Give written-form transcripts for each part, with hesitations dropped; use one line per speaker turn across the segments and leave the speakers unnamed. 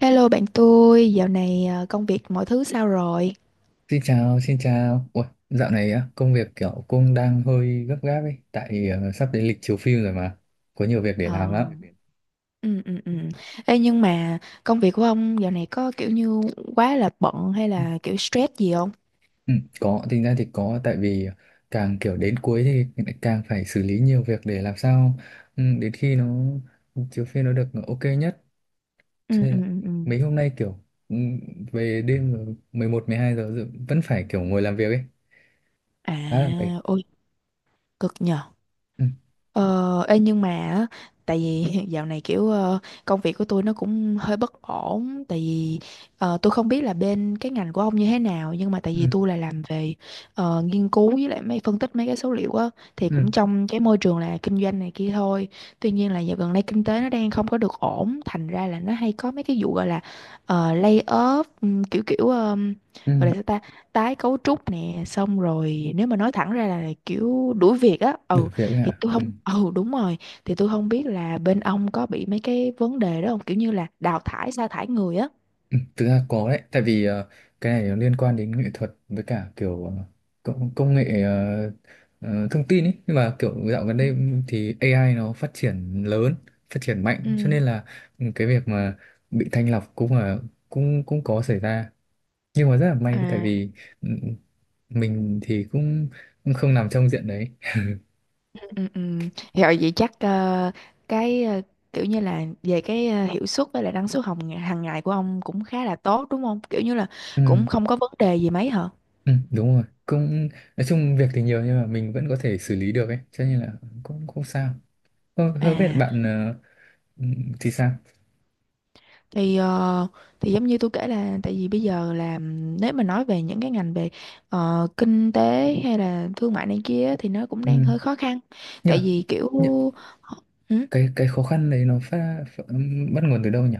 Hello bạn tôi, dạo này công việc mọi thứ sao rồi?
Xin chào, xin chào. Ủa, dạo này á, công việc kiểu cũng đang hơi gấp gáp ấy, tại sắp đến lịch chiếu phim rồi mà, có nhiều việc để
Ờ,
làm lắm.
ừ, ừ, ừ. Ê, nhưng mà công việc của ông dạo này có kiểu như quá là bận hay là kiểu stress gì không?
Ừ, có, tính ra thì có, tại vì càng kiểu đến cuối thì lại càng phải xử lý nhiều việc để làm sao đến khi nó chiếu phim nó được ok nhất. Cho
Ừ,
nên
ừ,
là
ừ, ừ.
mấy hôm nay kiểu ừ, về đêm rồi, 11, 12 giờ rồi vẫn phải kiểu ngồi làm việc ấy,
À,
khá là mệt.
ôi, cực nhờ.
Ừ,
Ờ, ê nhưng mà á, tại vì dạo này kiểu công việc của tôi nó cũng hơi bất ổn, tại vì tôi không biết là bên cái ngành của ông như thế nào, nhưng mà tại
ừ,
vì tôi là làm về nghiên cứu với lại mấy phân tích mấy cái số liệu á, thì
ừ,
cũng trong cái môi trường là kinh doanh này kia thôi. Tuy nhiên là dạo gần đây kinh tế nó đang không có được ổn, thành ra là nó hay có mấy cái vụ gọi là lay off, kiểu kiểu
ừ.
gọi là sao ta, tái cấu trúc nè, xong rồi nếu mà nói thẳng ra là kiểu đuổi việc á.
Đủ
Ừ,
việc ấy
thì
ạ.
tôi không, ừ, đúng rồi, thì tôi không biết là bên ông có bị mấy cái vấn đề đó không, kiểu như là đào thải sa thải người á.
Ừ, thực ra có đấy, tại vì cái này nó liên quan đến nghệ thuật với cả kiểu công nghệ thông tin ấy. Nhưng mà kiểu dạo gần
Ừ.
đây thì AI nó phát triển lớn, phát triển mạnh, cho
Ừ.
nên là cái việc mà bị thanh lọc cũng là cũng cũng có xảy ra. Nhưng mà rất là may tại
À,
vì ừ, mình thì cũng không nằm trong diện đấy.
ừ, ừ, ừ. Rồi vậy chắc cái kiểu như là về cái hiệu suất với lại năng suất hồng hàng ngày của ông cũng khá là tốt đúng không, kiểu như là
Ừ,
cũng không có vấn đề gì mấy hả?
ừ, đúng rồi, cũng nói chung việc thì nhiều nhưng mà mình vẫn có thể xử lý được ấy, cho nên là cũng không sao. Không, không biết
À
bạn ừ, thì sao
thì thì giống như tôi kể, là tại vì bây giờ là nếu mà nói về những cái ngành về kinh tế hay là thương mại này kia thì nó cũng đang
ừ.
hơi khó khăn,
nhưng
tại
mà
vì kiểu
nhưng,
ừ,
cái khó khăn đấy nó phát, phát bắt nguồn từ đâu nhỉ?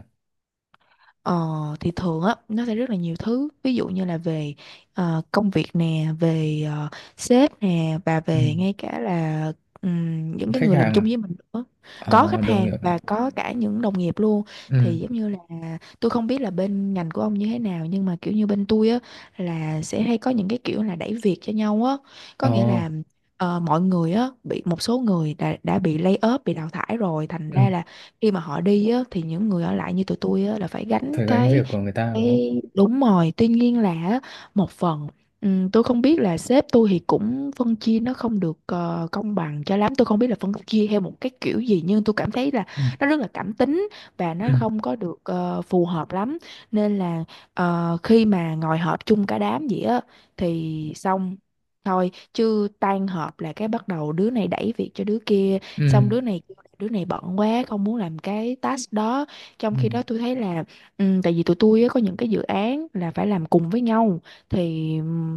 ờ, thì thường á nó sẽ rất là nhiều thứ, ví dụ như là về công việc nè, về sếp nè, và
Ừ.
về ngay cả là những cái
Khách
người làm
hàng à?
chung với mình nữa, có
Ờ,
khách
Đồng
hàng
nghiệp à?
và có cả những đồng nghiệp luôn.
Ừ.
Thì giống như là tôi không biết là bên ngành của ông như thế nào, nhưng mà kiểu như bên tôi á là sẽ hay có những cái kiểu là đẩy việc cho nhau á,
Ờ.
có nghĩa là mọi người á bị một số người đã bị lay off, bị đào thải rồi, thành
Ừ.
ra là khi mà họ đi á, thì những người ở lại như tụi tôi á, là phải gánh
Phải gánh
cái
việc của người ta đúng không?
cái đúng rồi. Tuy nhiên là á, một phần tôi không biết là sếp tôi thì cũng phân chia nó không được công bằng cho lắm, tôi không biết là phân chia theo một cái kiểu gì, nhưng tôi cảm thấy là
Ừ.
nó rất là cảm tính và nó
Ừ.
không có được phù hợp lắm, nên là khi mà ngồi họp chung cả đám vậy á thì xong thôi, chứ tan họp là cái bắt đầu đứa này đẩy việc cho đứa kia,
Ừ.
xong đứa này kêu là đứa này bận quá không muốn làm cái task đó, trong
Ừ.
khi đó tôi thấy là ừ, tại vì tụi tôi á, có những cái dự án là phải làm cùng với nhau thì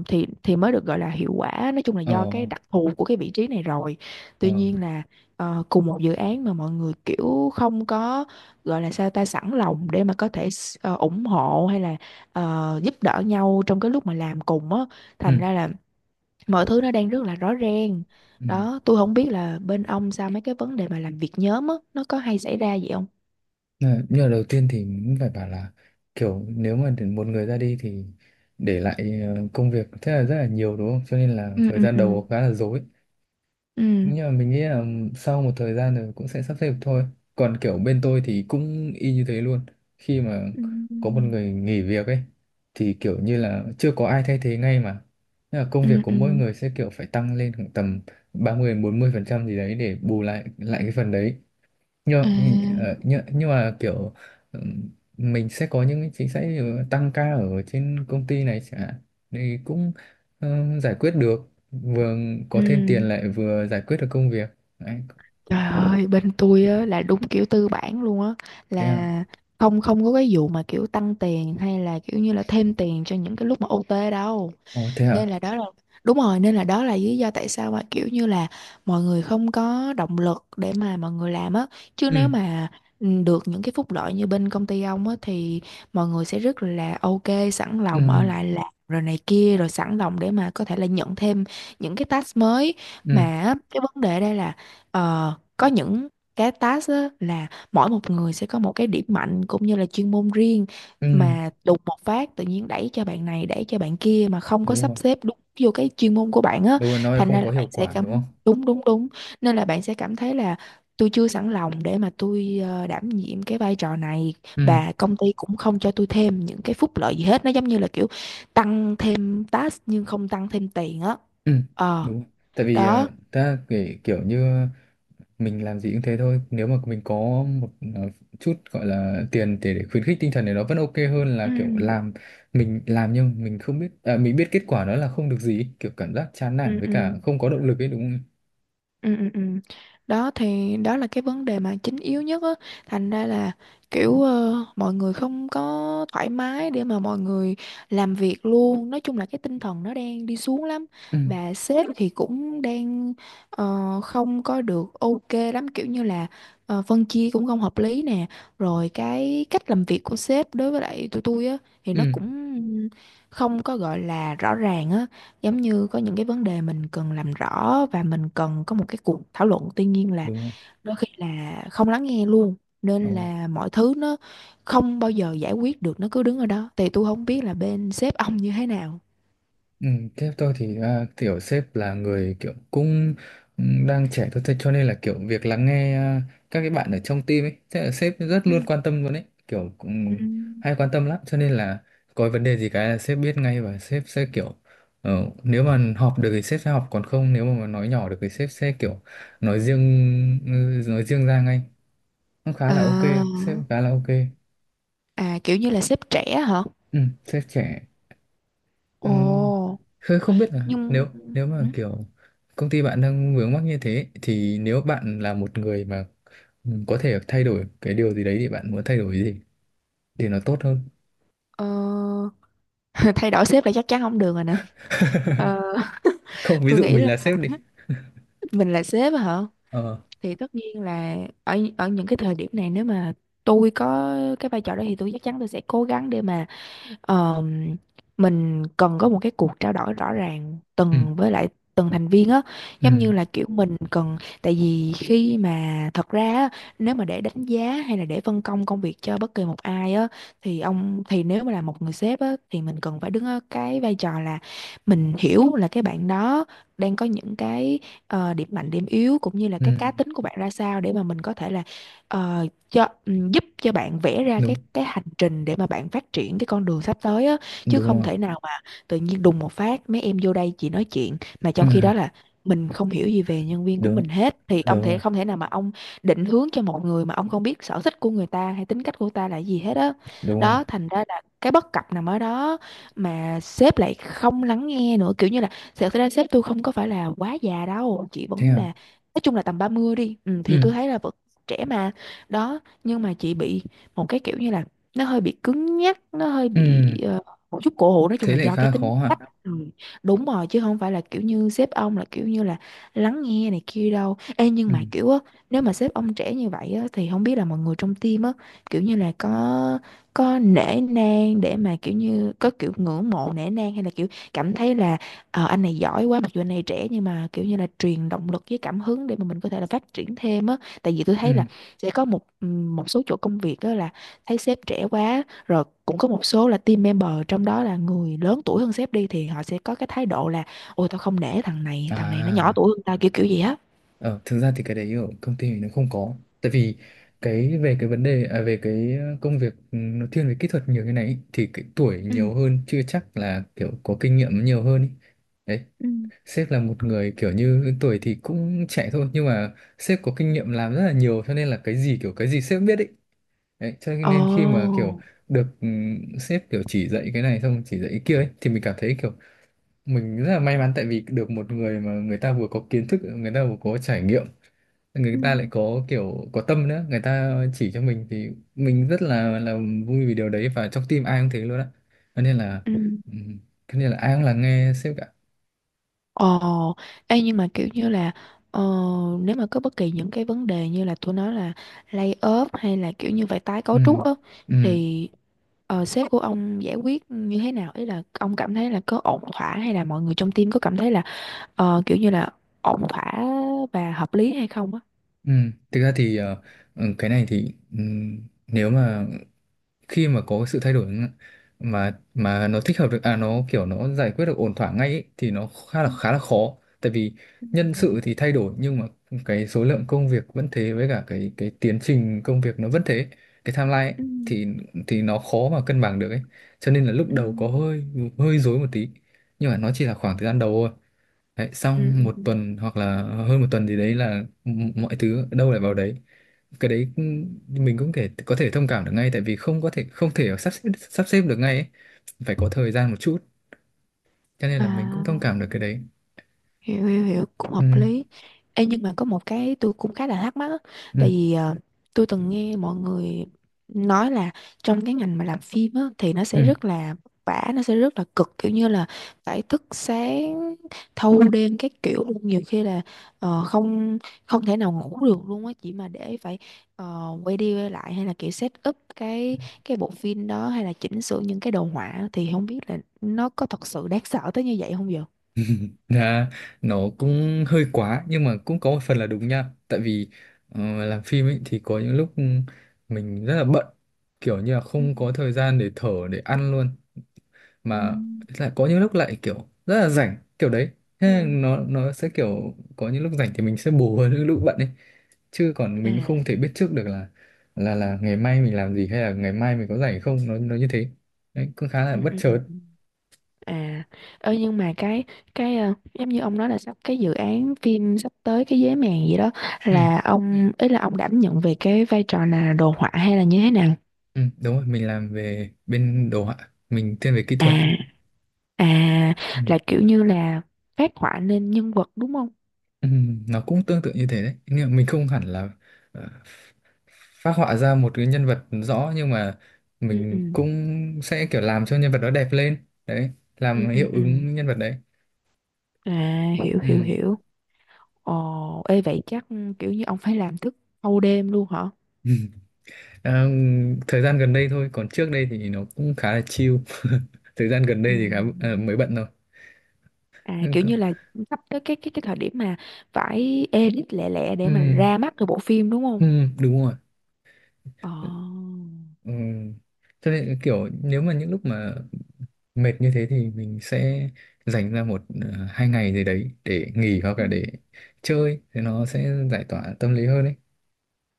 thì mới được gọi là hiệu quả, nói chung là
Ờ.
do cái đặc thù của cái vị trí này rồi.
Ờ.
Tuy nhiên là cùng một dự án mà mọi người kiểu không có, gọi là sao ta, sẵn lòng để mà có thể ủng hộ hay là giúp đỡ nhau trong cái lúc mà làm cùng á, thành
Ừ.
ra là mọi thứ nó đang rất là rõ ràng.
Ừ.
Đó, tôi không biết là bên ông sao mấy cái vấn đề mà làm việc nhóm á nó có hay xảy ra vậy không?
Ờ, nhưng mà đầu tiên thì cũng phải bảo là kiểu nếu mà để một người ra đi thì để lại công việc thế là rất là nhiều đúng không, cho nên là
Ừ,
thời
ừ,
gian
ừ,
đầu khá là rối.
ừ,
Nhưng mà mình nghĩ là sau một thời gian rồi cũng sẽ sắp xếp được thôi. Còn kiểu bên tôi thì cũng y như thế luôn, khi mà có một
ừ,
người nghỉ việc ấy thì kiểu như là chưa có ai thay thế ngay mà. Thế là công
ừ,
việc của
ừ.
mỗi người sẽ kiểu phải tăng lên khoảng tầm 30% đến 40% gì đấy để bù lại lại cái phần đấy. nhưng
À,
mà- nhưng, ờ, nhưng nhưng mà kiểu ừm, mình sẽ có những cái chính sách, ví dụ tăng ca ở trên công ty này chẳng hạn, thì cũng giải quyết được, vừa
ừ.
có thêm tiền lại vừa giải quyết được công việc. Đấy,
Trời ơi, bên tôi á, là đúng kiểu tư bản luôn á,
thế à?
là không không có cái vụ mà kiểu tăng tiền hay là kiểu như là thêm tiền cho những cái lúc mà ô tê đâu,
Ồ, thế
nên
à?
là đó là đúng rồi, nên là đó là lý do tại sao mà kiểu như là mọi người không có động lực để mà mọi người làm á, chứ nếu
Ừ.
mà được những cái phúc lợi như bên công ty ông á thì mọi người sẽ rất là ok, sẵn
Ừ.
lòng ở lại làm rồi này kia, rồi sẵn lòng để mà có thể là nhận thêm những cái task mới, mà
Ừ.
á, cái vấn đề đây là có những cái task á, là mỗi một người sẽ có một cái điểm mạnh cũng như là chuyên môn riêng,
Ừ.
mà đùng một phát tự nhiên đẩy cho bạn này đẩy cho bạn kia mà không có
Đúng
sắp
rồi.
xếp đúng vô cái chuyên môn của bạn á,
Đúng rồi. Nói
thành
không
ra
có
là bạn
hiệu
sẽ
quả đúng không?
cảm, đúng đúng đúng, nên là bạn sẽ cảm thấy là tôi chưa sẵn lòng để mà tôi đảm nhiệm cái vai trò này,
Ừ.
và công ty cũng không cho tôi thêm những cái phúc lợi gì hết, nó giống như là kiểu tăng thêm task nhưng không tăng thêm tiền á.
Ừ.
Ờ,
Đúng rồi. Tại vì
đó.
ta kể kiểu như mình làm gì cũng thế thôi, nếu mà mình có một chút gọi là tiền để khuyến khích tinh thần thì nó vẫn ok hơn
Ừ,
là kiểu làm, mình làm nhưng mình không biết à, mình biết kết quả đó là không được gì, kiểu cảm giác chán nản
ừ,
với cả
ừ.
không có động lực ấy, đúng không?
Ừ, ừ, ừ. Đó thì đó là cái vấn đề mà chính yếu nhất á, thành ra là kiểu mọi người không có thoải mái để mà mọi người làm việc luôn, nói chung là cái tinh thần nó đang đi xuống lắm,
Ừ,
và sếp thì cũng đang không có được ok lắm, kiểu như là phân chia cũng không hợp lý nè, rồi cái cách làm việc của sếp đối với lại tụi tôi á thì nó
ừ.
cũng không có gọi là rõ ràng á, giống như có những cái vấn đề mình cần làm rõ và mình cần có một cái cuộc thảo luận, tuy nhiên là
Đúng rồi.
đôi khi là không lắng nghe luôn, nên
Đúng rồi.
là mọi thứ nó không bao giờ giải quyết được, nó cứ đứng ở đó. Thì tôi không biết là bên sếp ông như thế nào?
Ừ, sếp tôi thì à, kiểu sếp là người kiểu cũng đang trẻ thôi, thế cho nên là kiểu việc lắng nghe à, các cái bạn ở trong team ấy, thế là sếp rất
Ừ.
luôn quan tâm luôn ấy, kiểu
Ừ.
cũng hay quan tâm lắm. Cho nên là có vấn đề gì cái là sếp biết ngay, và sếp sẽ kiểu nếu mà họp được thì sếp sẽ họp, còn không nếu mà nói nhỏ được thì sếp sẽ kiểu nói riêng ừ, nói riêng ra ngay, cũng khá là ok.
À,
Sếp khá là ok.
à kiểu như là sếp trẻ hả?
Ừ, sếp trẻ.
Ồ.
Ừm, Khơi không biết là
Nhưng,
nếu nếu
ừ,
mà kiểu công ty bạn đang vướng mắc như thế, thì nếu bạn là một người mà có thể thay đổi cái điều gì đấy thì bạn muốn thay đổi cái gì để nó tốt hơn.
ờ, thay đổi sếp là chắc chắn không được rồi nè. Ờ,
Không, ví
tôi
dụ
nghĩ
mình
là
là sếp đi.
mình là sếp hả?
Ờ.
Thì tất nhiên là ở ở những cái thời điểm này, nếu mà tôi có cái vai trò đó thì tôi chắc chắn tôi sẽ cố gắng để mà, Ờ, mình cần có một cái cuộc trao đổi rõ ràng
Ừ.
từng với lại từng thành viên á, giống như
Ừ.
là kiểu mình cần, tại vì khi mà thật ra á, nếu mà để đánh giá hay là để phân công công việc cho bất kỳ một ai á thì ông thì nếu mà là một người sếp á thì mình cần phải đứng ở cái vai trò là mình hiểu là cái bạn đó đang có những cái điểm mạnh điểm yếu cũng như là
Ừ.
cái cá tính của bạn ra sao, để mà mình có thể là ờ, cho giúp cho bạn vẽ ra cái
Đúng.
cái hành trình để mà bạn phát triển cái con đường sắp tới á, chứ
Đúng
không
rồi.
thể nào mà tự nhiên đùng một phát mấy em vô đây chỉ nói chuyện, mà trong khi
Ừ.
đó là mình không hiểu gì về nhân viên của mình
Đúng.
hết thì ông
Đúng
thể
rồi.
không thể nào mà ông định hướng cho một người mà ông không biết sở thích của người ta hay tính cách của ta là gì hết á đó.
Đúng rồi.
Đó, thành ra là cái bất cập nằm ở đó, mà sếp lại không lắng nghe nữa, kiểu như là thật ra sếp tôi không có phải là quá già đâu, chị
Thế
vẫn là,
à?
nói chung là tầm 30 đi, ừ, thì
Ừ.
tôi thấy là vẫn trẻ mà. Đó, nhưng mà chị bị một cái kiểu như là nó hơi bị cứng nhắc, nó hơi bị
Ừ.
một chút cổ hủ, nói chung
Thế
là
lại
do cái
khá
tính
khó hả?
cách. Ừ, đúng rồi, chứ không phải là kiểu như sếp ông là kiểu như là lắng nghe này kia đâu. Ê, nhưng
Ừ.
mà kiểu á, nếu mà sếp ông trẻ như vậy á thì không biết là mọi người trong team á, kiểu như là có nể nang để mà kiểu như có kiểu ngưỡng mộ nể nang hay là kiểu cảm thấy là anh này giỏi quá, mặc dù anh này trẻ nhưng mà kiểu như là truyền động lực với cảm hứng để mà mình có thể là phát triển thêm á, tại vì tôi thấy là
Ừ.
sẽ có một một số chỗ công việc đó là thấy sếp trẻ quá rồi, cũng có một số là team member trong đó là người lớn tuổi hơn sếp đi thì họ sẽ có cái thái độ là ôi tao không nể thằng này, thằng này nó nhỏ
À.
tuổi hơn tao kiểu kiểu gì á.
Ờ, thực ra thì cái đấy ở công ty mình nó không có, tại vì về cái vấn đề à, về cái công việc nó thiên về kỹ thuật nhiều như này ý, thì cái tuổi
Ừ,
nhiều hơn chưa chắc là kiểu có kinh nghiệm nhiều hơn ý. Đấy,
ừ.
sếp là một người kiểu như tuổi thì cũng trẻ thôi, nhưng mà sếp có kinh nghiệm làm rất là nhiều, cho nên là cái gì kiểu cái gì sếp biết ấy. Đấy cho
Ồ,
nên khi mà kiểu được sếp kiểu chỉ dạy cái này xong chỉ dạy cái kia ấy, thì mình cảm thấy kiểu mình rất là may mắn, tại vì được một người mà người ta vừa có kiến thức, người ta vừa có trải nghiệm, người
ừ,
ta lại có kiểu có tâm nữa, người ta chỉ cho mình thì mình rất là vui vì điều đấy, và trong team ai cũng thế luôn á, cho nên là
ừ.
ừ, cho nên là ai cũng là nghe sếp cả.
Ồ, ê, nhưng mà kiểu như là ờ, nếu mà có bất kỳ những cái vấn đề như là tôi nói là lay off hay là kiểu như vậy, tái
Ừ,
cấu trúc á,
ừ,
thì sếp của ông giải quyết như thế nào, ý là ông cảm thấy là có ổn thỏa hay là mọi người trong team có cảm thấy là kiểu như là ổn thỏa và hợp lý hay không á?
ừ. Thực ra thì cái này thì nếu mà khi mà có sự thay đổi mà nó thích hợp được à, nó kiểu nó giải quyết được ổn thỏa ngay ý, thì nó khá là khó, tại vì nhân
Ừ,
sự thì thay đổi nhưng mà cái số lượng công việc vẫn thế, với cả cái tiến trình công việc nó vẫn thế, cái timeline ấy,
ừ, ừ,
thì thì nó khó mà cân bằng được ấy. Cho nên là lúc
ừ.
đầu có hơi hơi rối một tí, nhưng mà nó chỉ là khoảng thời gian đầu thôi đấy,
Ừ, ừ,
xong một
ừ, ừ.
tuần hoặc là hơn một tuần gì đấy là mọi thứ đâu lại vào đấy. Cái đấy mình cũng thể có thể thông cảm được ngay, tại vì không thể sắp xếp được ngay ấy. Phải có thời gian một chút, cho nên là mình cũng thông
À,
cảm được cái đấy.
hiểu hiểu hiểu, cũng
Ừ.
hợp lý. Ê, nhưng mà có một cái tôi cũng khá là thắc mắc á. Tại
Ừ.
vì tôi từng nghe mọi người nói là trong cái ngành mà làm phim á, thì nó
Ừ.
sẽ rất là vả, nó sẽ rất là cực, kiểu như là phải thức sáng thâu đêm các kiểu luôn, nhiều khi là không không thể nào ngủ được luôn á, chỉ mà để phải quay đi quay lại hay là kiểu set up cái bộ phim đó, hay là chỉnh sửa những cái đồ họa, thì không biết là nó có thật sự đáng sợ tới như vậy không vậy?
Dạ, nó cũng hơi quá nhưng mà cũng có một phần là đúng nha, tại vì làm phim ấy thì có những lúc mình rất là bận, kiểu như là
Ừ.
không có thời gian để thở để ăn luôn,
Ừ.
mà lại có những lúc lại kiểu rất là rảnh kiểu đấy. Thế là
Ừ.
nó sẽ kiểu có những lúc rảnh thì mình sẽ bù hơn những lúc bận ấy, chứ còn mình
À,
không thể biết trước được là là ngày mai mình làm gì hay là ngày mai mình có rảnh không, nó như thế đấy, cũng khá là
ừ,
bất
ừ, ừ,
chợt.
ừ. À, ơ nhưng mà giống như ông nói là sắp cái dự án phim sắp tới cái giấy mèn gì đó
Ừ,
là ông, ý là ông đảm nhận về cái vai trò là đồ họa hay là như thế nào?
ừ, đúng rồi, mình làm về bên đồ họa, mình thiên về kỹ
À,
thuật đấy.
à
Ừ.
là kiểu như là phát họa lên nhân vật đúng không?
Nó cũng tương tự như thế đấy nhưng mà mình không hẳn là ờ, phác họa ra một cái nhân vật rõ, nhưng mà
Ừ,
mình
ừ,
cũng sẽ kiểu làm cho nhân vật đó đẹp lên đấy, làm
ừ, ừ,
hiệu
ừ.
ứng nhân vật đấy.
À, hiểu hiểu
Ừm.
hiểu. Ồ, ê vậy chắc kiểu như ông phải làm thức thâu đêm luôn hả?
Ờ, thời gian gần đây thôi, còn trước đây thì nó cũng khá là chill. Thời gian gần
Ừ.
đây thì khá mới bận thôi.
À, kiểu như là sắp tới cái cái thời điểm mà phải edit lẹ lẹ để mà
Ừm,
ra mắt cái bộ phim đúng không?
đúng rồi.
Ờ.
Ừm. Cho nên kiểu nếu mà những lúc mà mệt như thế thì mình sẽ dành ra một hai ngày gì đấy để nghỉ hoặc là để
Ừ.
chơi thì nó sẽ giải tỏa tâm lý hơn ấy.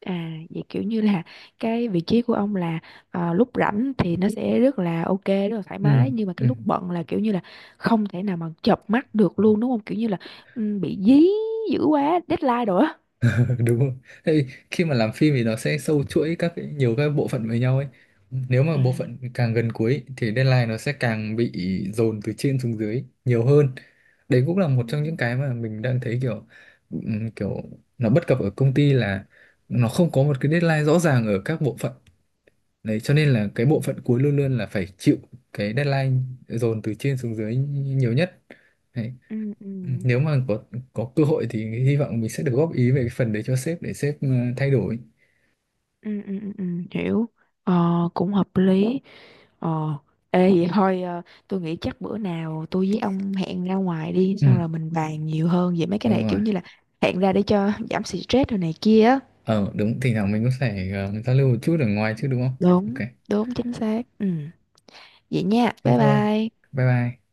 À vậy kiểu như là cái vị trí của ông là lúc rảnh thì nó sẽ rất là ok rất là thoải
Ừ.
mái, nhưng mà
Ừ.
cái lúc bận là kiểu như là không thể nào mà chợp mắt được luôn đúng không? Kiểu như là ừ, bị dí dữ quá deadline rồi á.
Đúng rồi. Tại vì khi mà làm phim thì nó sẽ sâu chuỗi các cái, nhiều các bộ phận với nhau ấy, nếu mà
À.
bộ phận càng gần cuối thì deadline nó sẽ càng bị dồn từ trên xuống dưới nhiều hơn. Đấy cũng là
Ừ.
một trong những cái mà mình đang thấy kiểu kiểu nó bất cập ở công ty, là nó không có một cái deadline rõ ràng ở các bộ phận. Đấy, cho nên là cái
Ừ,
bộ phận cuối luôn luôn là phải chịu cái deadline dồn từ trên xuống dưới nhiều nhất. Đấy.
ừ, ừ,
Nếu mà có cơ hội thì hy vọng mình sẽ được góp ý về cái phần đấy cho sếp để sếp thay đổi.
ừ, ừ, ừ, ừ, hiểu ờ, cũng hợp lý. Ờ, ê vậy thôi tôi nghĩ chắc bữa nào tôi với ông hẹn ra ngoài đi,
Ừ,
xong rồi mình bàn nhiều hơn về mấy cái
đúng
này,
rồi.
kiểu như là hẹn ra để cho giảm stress rồi này kia. Á.
Ờ, đúng, thỉnh thoảng mình cũng phải giao lưu một chút ở ngoài chứ đúng không?
Đúng,
Ok,
đúng chính xác. Ừ. Vậy nha.
thế
Bye
thôi.
bye.
Bye bye.